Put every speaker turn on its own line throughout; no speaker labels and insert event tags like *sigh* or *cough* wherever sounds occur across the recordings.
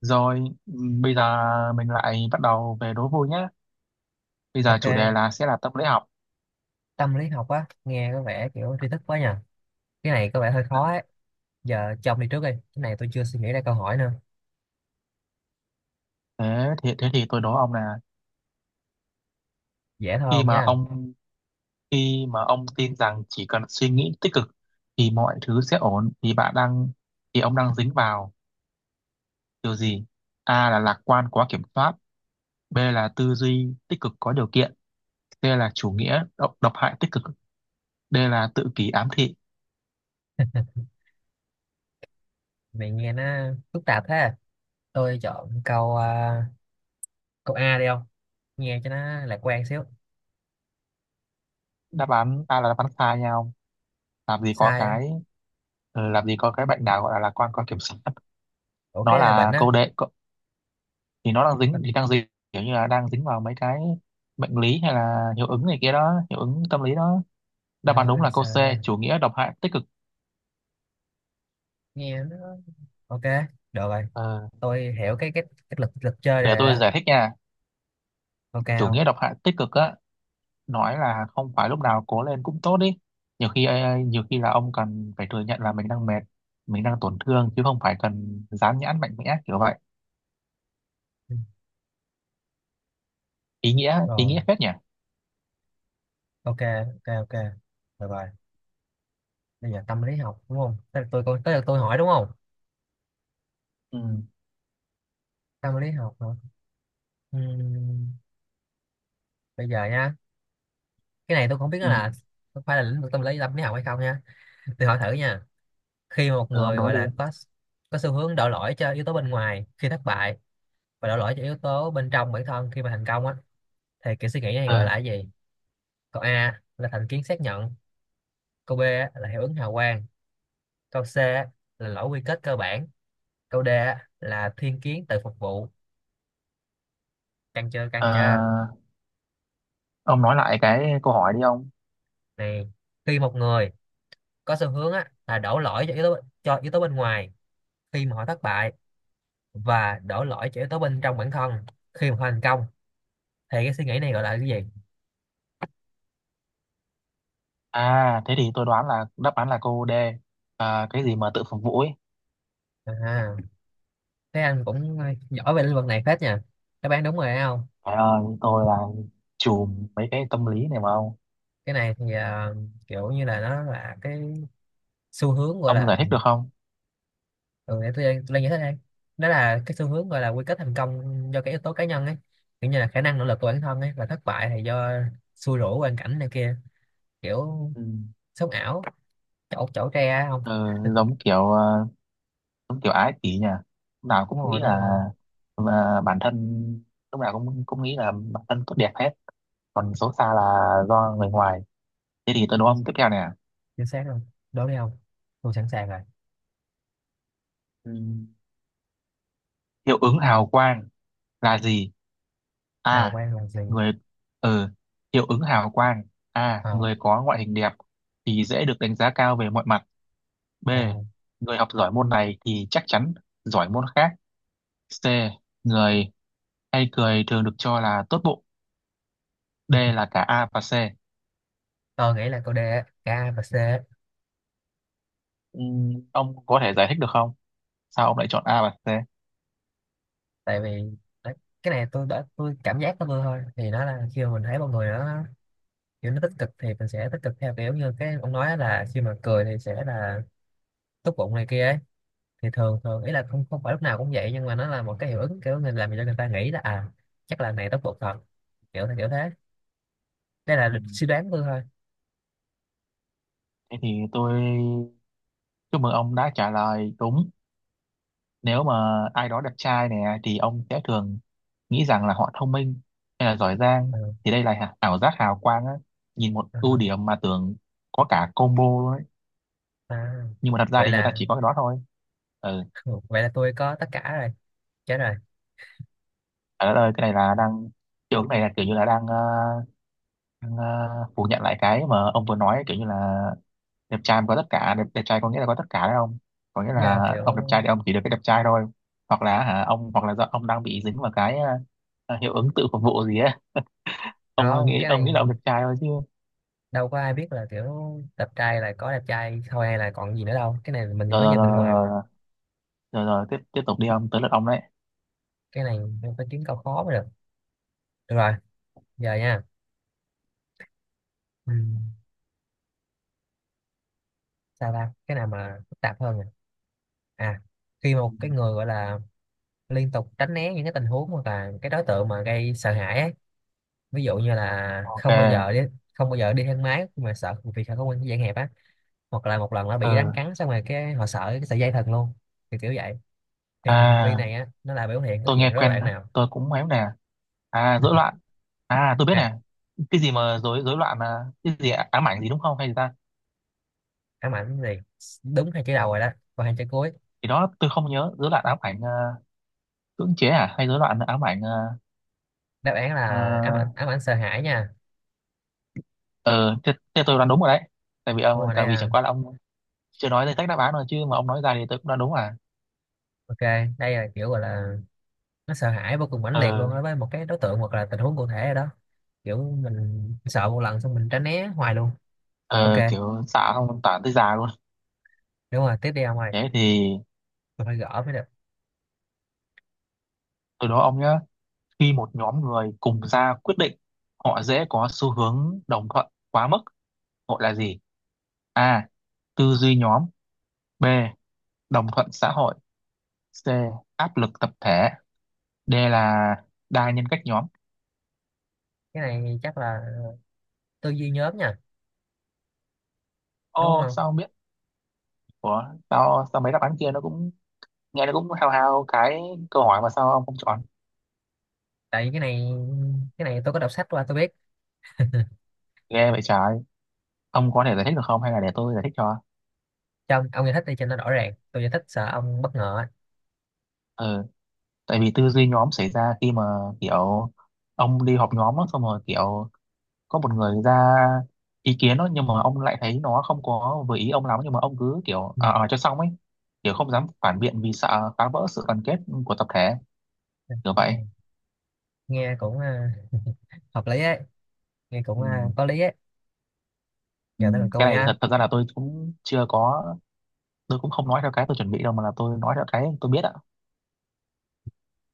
Rồi, bây giờ mình lại bắt đầu về đố vui nhé. Bây giờ
Ok,
chủ đề là sẽ là tâm lý học.
tâm lý học á, nghe có vẻ kiểu tri thức quá nhỉ. Cái này có vẻ hơi khó ấy. Giờ cho ông đi trước đi. Cái này tôi chưa suy nghĩ ra câu hỏi nữa.
Thế thì tôi đố ông là
Dễ thôi
khi
không
mà
nha.
ông khi mà ông tin rằng chỉ cần suy nghĩ tích cực thì mọi thứ sẽ ổn thì ông đang dính vào điều gì? A là lạc quan quá kiểm soát, B là tư duy tích cực có điều kiện, C là chủ nghĩa độc hại tích cực, D là tự kỷ ám thị.
Mày nghe nó phức tạp thế. Tôi chọn câu A đi không? Nghe cho nó lạc quan xíu.
Đáp án A là đáp án sai nhau. Làm gì có
Sai á.
cái làm gì có cái bệnh nào gọi là lạc quan quá kiểm soát.
Ủa
Nó
cái là bệnh
là
á.
câu thì đang dính kiểu như là đang dính vào mấy cái bệnh lý hay là hiệu ứng này kia đó, hiệu ứng tâm lý đó. Đáp án đúng
Rồi,
là câu
trời
C,
ơi.
chủ nghĩa độc hại tích cực.
Nghe nó. Ok, được rồi.
Ờ,
Tôi hiểu cái lực lực chơi này
để
rồi
tôi
đó.
giải thích nha.
Ok
Chủ
không?
nghĩa độc hại tích cực á, nói là không phải lúc nào cố lên cũng tốt đi, nhiều khi nhiều khi là ông cần phải thừa nhận là mình đang mệt, mình đang tổn thương, chứ không phải cần dán nhãn mạnh mẽ kiểu vậy.
Ừ,
ý nghĩa ý
rồi,
nghĩa phết nhỉ.
ok, ok, ok. Được rồi. Bây giờ tâm lý học đúng không? Tới lượt tôi hỏi đúng không?
Ừ,
Tâm lý học hả? Ừm, Bây giờ nha, cái này tôi không biết nó
ừ,
là có phải là lĩnh vực tâm lý học hay không nha, tôi hỏi thử nha. Khi mà một
ừ ông
người
nói
gọi
đi.
là có xu hướng đổ lỗi cho yếu tố bên ngoài khi thất bại, và đổ lỗi cho yếu tố bên trong bản thân khi mà thành công á, thì kiểu suy nghĩ này gọi là
Ừ.
cái gì? Câu A là thành kiến xác nhận, câu B á, là hiệu ứng hào quang, câu C á, là lỗi quy kết cơ bản, câu D á, là thiên kiến tự phục vụ. Căng chưa, căng chưa?
Ờ, ông nói lại cái câu hỏi đi ông.
Này, khi một người có xu hướng á, là đổ lỗi cho yếu tố bên ngoài khi mà họ thất bại, và đổ lỗi cho yếu tố bên trong bản thân khi mà thành công, thì cái suy nghĩ này gọi là cái gì?
À, thế thì tôi đoán là đáp án là cô D. À, cái gì mà tự phục vụ ấy.
À, thế anh cũng giỏi về lĩnh vực này phết nha, đáp án đúng rồi đấy không.
Trời ơi, tôi là chùm mấy cái tâm lý này mà ông.
Cái này thì kiểu như là nó là cái xu hướng gọi
Ông giải
là,
thích được không?
ừ, để tôi lên giải thích đây. Đó là cái xu hướng gọi là quy kết thành công do cái yếu tố cá nhân ấy, kiểu như là khả năng nỗ lực của bản thân ấy, và thất bại thì do xui rủi hoàn cảnh này kia, kiểu
Ừ.
sống ảo chỗ chỗ tre á không.
Ừ, giống kiểu ờ, giống kiểu ái kỷ nhỉ. Lúc nào
Đúng
cũng nghĩ
rồi, đúng rồi,
là bản thân lúc nào cũng cũng nghĩ là bản thân tốt đẹp hết. Còn xấu xa là do người ngoài. Thế thì tôi đố
chính,
ông tiếp theo nè.
chính xác luôn. Đố đi không, tôi sẵn sàng rồi.
Ừ. Hiệu ứng hào quang là gì?
Hào
A
quang là gì?
người ờ Hiệu ứng hào quang. A,
Ờ,
người có ngoại hình đẹp thì dễ được đánh giá cao về mọi mặt. B,
ờ.
người học giỏi môn này thì chắc chắn giỏi môn khác. C, người hay cười thường được cho là tốt bụng. D
*laughs*
là cả A và C.
Tôi nghĩ là câu D á, K và C á.
Ông có thể giải thích được không, sao ông lại chọn A và C?
Tại vì đấy, cái này tôi cảm giác của tôi thôi, thì nó là khi mà mình thấy một người nó kiểu nó tích cực thì mình sẽ tích cực theo, kiểu như cái ông nói là khi mà cười thì sẽ là tốt bụng này kia ấy. Thì thường thường ý là không không phải lúc nào cũng vậy, nhưng mà nó là một cái hiệu ứng kiểu mình làm cho người ta nghĩ là à, chắc là này tốt bụng thật, kiểu kiểu thế. Đây là
Ừm,
suy đoán của tôi thôi.
thế thì tôi chúc mừng ông đã trả lời đúng. Nếu mà ai đó đẹp trai nè, thì ông sẽ thường nghĩ rằng là họ thông minh hay là giỏi giang,
Ừ,
thì đây là ảo giác hào quang á, nhìn một
ừ, ừ.
ưu điểm mà tưởng có cả combo luôn ấy,
À,
nhưng mà thật ra
vậy
thì người ta
là
chỉ có cái đó thôi. Ừ.
*laughs* vậy là tôi có tất cả rồi, chết rồi.
Ở đây cái này là đang, kiểu cái này là kiểu như là đang phủ nhận lại cái mà ông vừa nói, kiểu như là đẹp trai mà có tất cả, đẹp trai có nghĩa là có tất cả đấy không, có nghĩa
Ý là
là
kiểu,
ông đẹp trai thì ông chỉ được cái đẹp trai thôi. Hoặc là hả ông, hoặc là do ông đang bị dính vào cái hiệu ứng tự phục vụ gì á, ông ơi,
không, cái
ông
này
nghĩ là ông đẹp trai thôi chứ.
đâu có ai biết là kiểu, đẹp trai là có đẹp trai thôi hay là còn gì nữa đâu, cái này mình mới
rồi rồi
nhìn bên ngoài
rồi
mà.
rồi rồi, rồi, rồi. Tiếp Tiếp tục đi ông, tới lượt ông đấy.
Cái này mình phải kiếm câu khó mới được. Được rồi, giờ nha, ừ. Sao ta, cái nào mà phức tạp hơn nè. À, khi
Ừ.
một cái người gọi là liên tục tránh né những cái tình huống hoặc là cái đối tượng mà gây sợ hãi ấy, ví dụ như là
OK.
không bao giờ đi thang máy mà sợ, vì sợ không quen cái dạng hẹp á, hoặc là một lần nó bị rắn
Ừ.
cắn xong rồi cái họ sợ cái sợi dây thần luôn, thì kiểu vậy. Thì hành
À,
vi này á, nó là biểu hiện của
tôi
dạng
nghe
rối
quen
loạn
đó.
nào?
Tôi cũng cũngém nè. À, rối loạn. À, tôi biết
À,
nè. Cái gì mà rối rối loạn là cái gì ám ảnh gì đúng không, hay gì ta?
ám ảnh gì, đúng hai chữ đầu rồi đó, còn hai chữ cuối?
Thì đó tôi không nhớ, rối loạn ám ảnh cưỡng chế, à hay rối loạn ám ảnh ờ.
Đáp án
Ờ,
là ám ảnh sợ hãi nha.
ờ, thế tôi đoán đúng rồi đấy. Tại vì
Đúng
ông,
rồi, đây
tại vì
là,
chẳng qua là ông chưa nói danh sách đáp án rồi chứ mà ông nói ra thì tôi cũng đoán đúng à.
ok, đây là kiểu gọi là nó sợ hãi vô cùng mãnh liệt
Ờ.
luôn đối với một cái đối tượng hoặc là tình huống cụ thể rồi đó, kiểu mình sợ một lần xong mình tránh né hoài luôn. Ok,
Ờ, kiểu xạ không tản tới già luôn.
đúng rồi, tiếp đi ông ơi,
Thế thì
tôi phải gỡ mới được.
từ đó ông nhá, khi một nhóm người cùng ra quyết định, họ dễ có xu hướng đồng thuận quá mức, gọi là gì? A, tư duy nhóm. B, đồng thuận xã hội. C, áp lực tập thể. D là đa nhân cách nhóm.
Cái này chắc là tư duy nhóm nha, đúng
Ô,
không?
sao không biết? Ủa, sao mấy đáp án kia nó cũng nghe nó cũng hao hao cái câu hỏi mà sao ông không chọn?
Tại vì cái này tôi có đọc sách qua tôi biết.
Ghê vậy trời, ông có thể giải thích được không, hay là để tôi giải thích cho?
Trong ông giải thích đi cho nó rõ ràng, tôi giải thích sợ ông bất ngờ á.
Ừ, tại vì tư duy nhóm xảy ra khi mà kiểu ông đi họp nhóm á, xong rồi kiểu có một người ra ý kiến đó, nhưng mà ông lại thấy nó không có vừa ý ông lắm, nhưng mà ông cứ kiểu ở cho xong ấy, kiểu không dám phản biện vì sợ phá vỡ sự đoàn kết của tập thể, kiểu vậy.
Ừ. Nghe cũng hợp lý ấy, nghe cũng
Ừ.
có lý ấy.
Ừ.
Giờ tới lượt
Cái
tôi
này
nha.
thật thật ra là tôi cũng chưa có, tôi cũng không nói theo cái tôi chuẩn bị đâu, mà là tôi nói theo cái tôi biết ạ.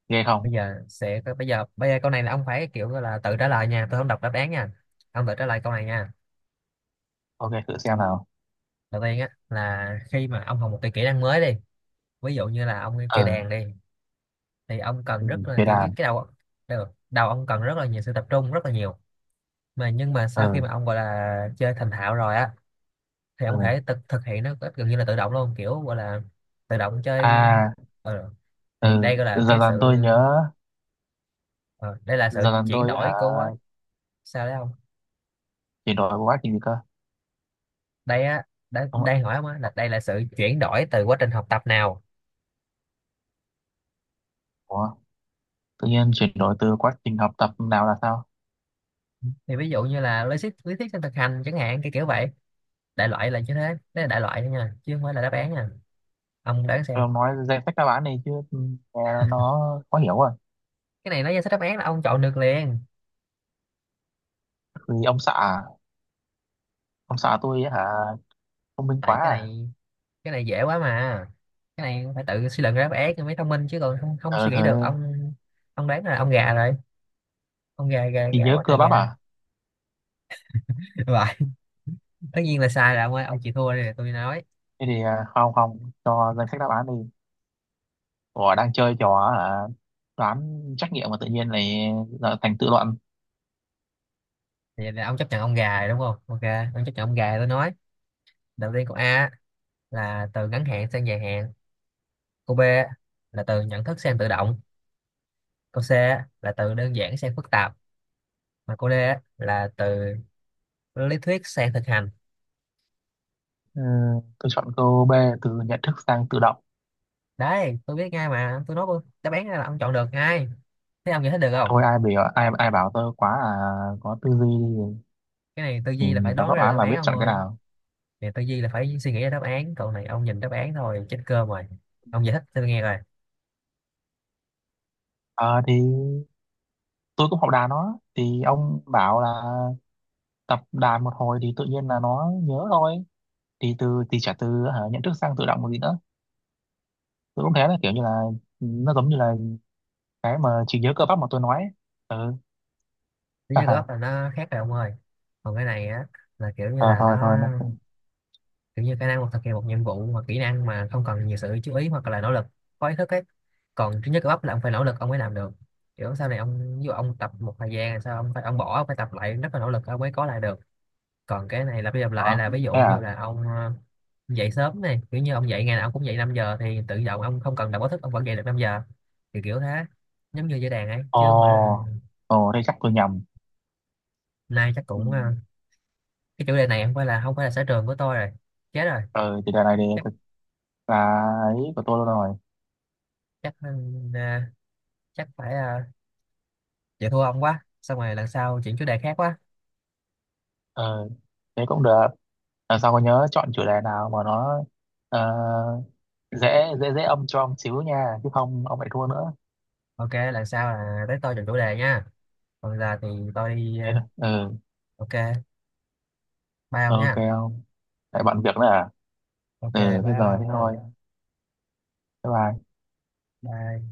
Ghê
bây
không.
giờ sẽ bây giờ bây giờ câu này là ông phải kiểu gọi là tự trả lời nha, tôi không đọc đáp án nha, ông tự trả lời câu này nha.
OK, thử xem nào.
Đầu tiên á, là khi mà ông học một cái kỹ năng mới đi, ví dụ như là ông chơi
Ờ.
đàn đi, thì ông cần
Ừ.
rất là
Thế
kiểu cái,
đàn.
cái đầu, đầu ông cần rất là nhiều sự tập trung, rất là nhiều, nhưng mà sau khi
Ờ.
mà ông gọi là chơi thành thạo rồi á, thì
Ờ.
ông có thể thực thực hiện nó gần như là tự động luôn, kiểu gọi là tự động chơi.
À.
ờ, thì
Ờ.
đây gọi là
Dần
cái
dần
sự,
tôi nhớ.
ờ, đây là
Dần
sự
dần
chuyển
tôi hả?
đổi của quá, sao đấy không?
Chuyển đổi quá trình gì cơ?
Đây á, đây
Đúng không
đây
ạ?
hỏi ông á, là đây là sự chuyển đổi từ quá trình học tập nào?
Ủa? Tự nhiên chuyển đổi từ quá trình học tập nào là sao?
Thì ví dụ như là lý thuyết sang thực hành chẳng hạn, cái kiểu vậy, đại loại là như thế. Đấy là đại loại thôi nha, chứ không phải là đáp án nha, ông đoán xem.
Ông nói danh sách đáp án này chứ, ừ, nghe nó khó hiểu rồi.
Cái này nó ra sách đáp án là ông chọn được liền.
Vì ông xã à? Ông xã tôi ấy hả? Thông minh quá
Tại cái
à.
này cái này dễ quá mà, cái này phải tự suy luận ra đáp án thì mới thông minh chứ, còn không không suy
Ờ
nghĩ
thời
được
đây.
ông. Ông đoán là ông gà rồi, ông gà gà
Chỉ
gà
nhớ
quá
cơ
trời
bắp
gà.
à.
*laughs* Vậy, tất nhiên là sai rồi ông ơi, ông chịu thua đi tôi nói.
Thế thì không, không cho danh sách đáp án đi. Ủa đang chơi trò hả, đoán trắc nghiệm mà tự nhiên này là thành tự luận.
Thì là ông chấp nhận ông gà rồi đúng không, ok. Ông chấp nhận ông gà rồi tôi nói. Đầu tiên câu A là từ ngắn hạn sang dài hạn, câu B là từ nhận thức sang tự động, câu C là từ đơn giản sang phức tạp, mà câu D là từ lý thuyết sang thực hành.
Ừ, tôi chọn câu B, từ nhận thức sang tự động.
Đấy, tôi biết ngay mà, tôi nói luôn đáp án ra là ông chọn được ngay. Thế ông giải thích được không?
Thôi ai biểu, ai ai bảo tôi quá à, có tư duy
Cái này tư
thì
duy là phải
nhìn đọc
đoán
đáp
ra được
án
đáp
là
án
biết
ông
chọn cái
ơi,
nào.
này tư duy là phải suy nghĩ ra đáp án, còn này ông nhìn đáp án thôi, chết cơm rồi. Ông giải thích tôi nghe rồi.
Ờ thì tôi cũng học đàn nó, thì ông bảo là tập đàn một hồi thì tự nhiên là nó nhớ thôi. Thì từ thì trả từ hả, nhận thức sang tự động một gì nữa. Tôi cũng thế, là kiểu như là, ừ, nó giống như là cái mà trí nhớ cơ bắp mà tôi nói ấy. Ừ.
Lý
Ha
do góp
ha.
là nó khác rồi ông ơi. Còn cái này á, là kiểu như
Ờ
là nó,
thôi Thôi nó cũng
kiểu như khả năng hoặc thực hiện một nhiệm vụ hoặc kỹ năng mà không cần nhiều sự chú ý hoặc là nỗ lực có ý thức ấy. Còn trí nhớ cơ bắp là ông phải nỗ lực ông mới làm được, kiểu sau này ông ví dụ ông tập một thời gian sao ông phải, ông bỏ ông phải tập lại rất là nỗ lực ông mới có lại được. Còn cái này lặp đi lặp lại
ờ.
là ví dụ
Thế
như
à.
là ông, dậy sớm này, kiểu như ông dậy ngày nào ông cũng dậy 5 giờ thì tự động ông không cần đọc báo thức ông vẫn dậy được 5 giờ, thì kiểu thế, giống như dây đàn ấy chứ không phải là.
Ồ. Ồ, đây chắc tôi nhầm.
Nay chắc
Ừ.
cũng cái chủ đề này không phải là sở trường của tôi rồi, chết rồi.
Ờ, thì đề này thì
chắc
thực là ấy của tôi luôn rồi.
chắc chắc phải vậy thua ông quá, xong rồi lần sau chuyển chủ đề khác quá.
Ờ, thế cũng được. Lần sau có nhớ chọn chủ đề nào mà nó ờ, dễ dễ dễ âm cho ông xíu nha, chứ không ông lại thua nữa.
Ok, lần sau là tới tôi chọn chủ đề nha, còn giờ thì tôi đi
Thế thôi. Ừ.
ok, bye ông
OK
nha.
không. Tại bận việc nữa à.
Ok,
Ừ thế
bye
rồi, thế
ông nha.
thôi. Bye bye.
Bye.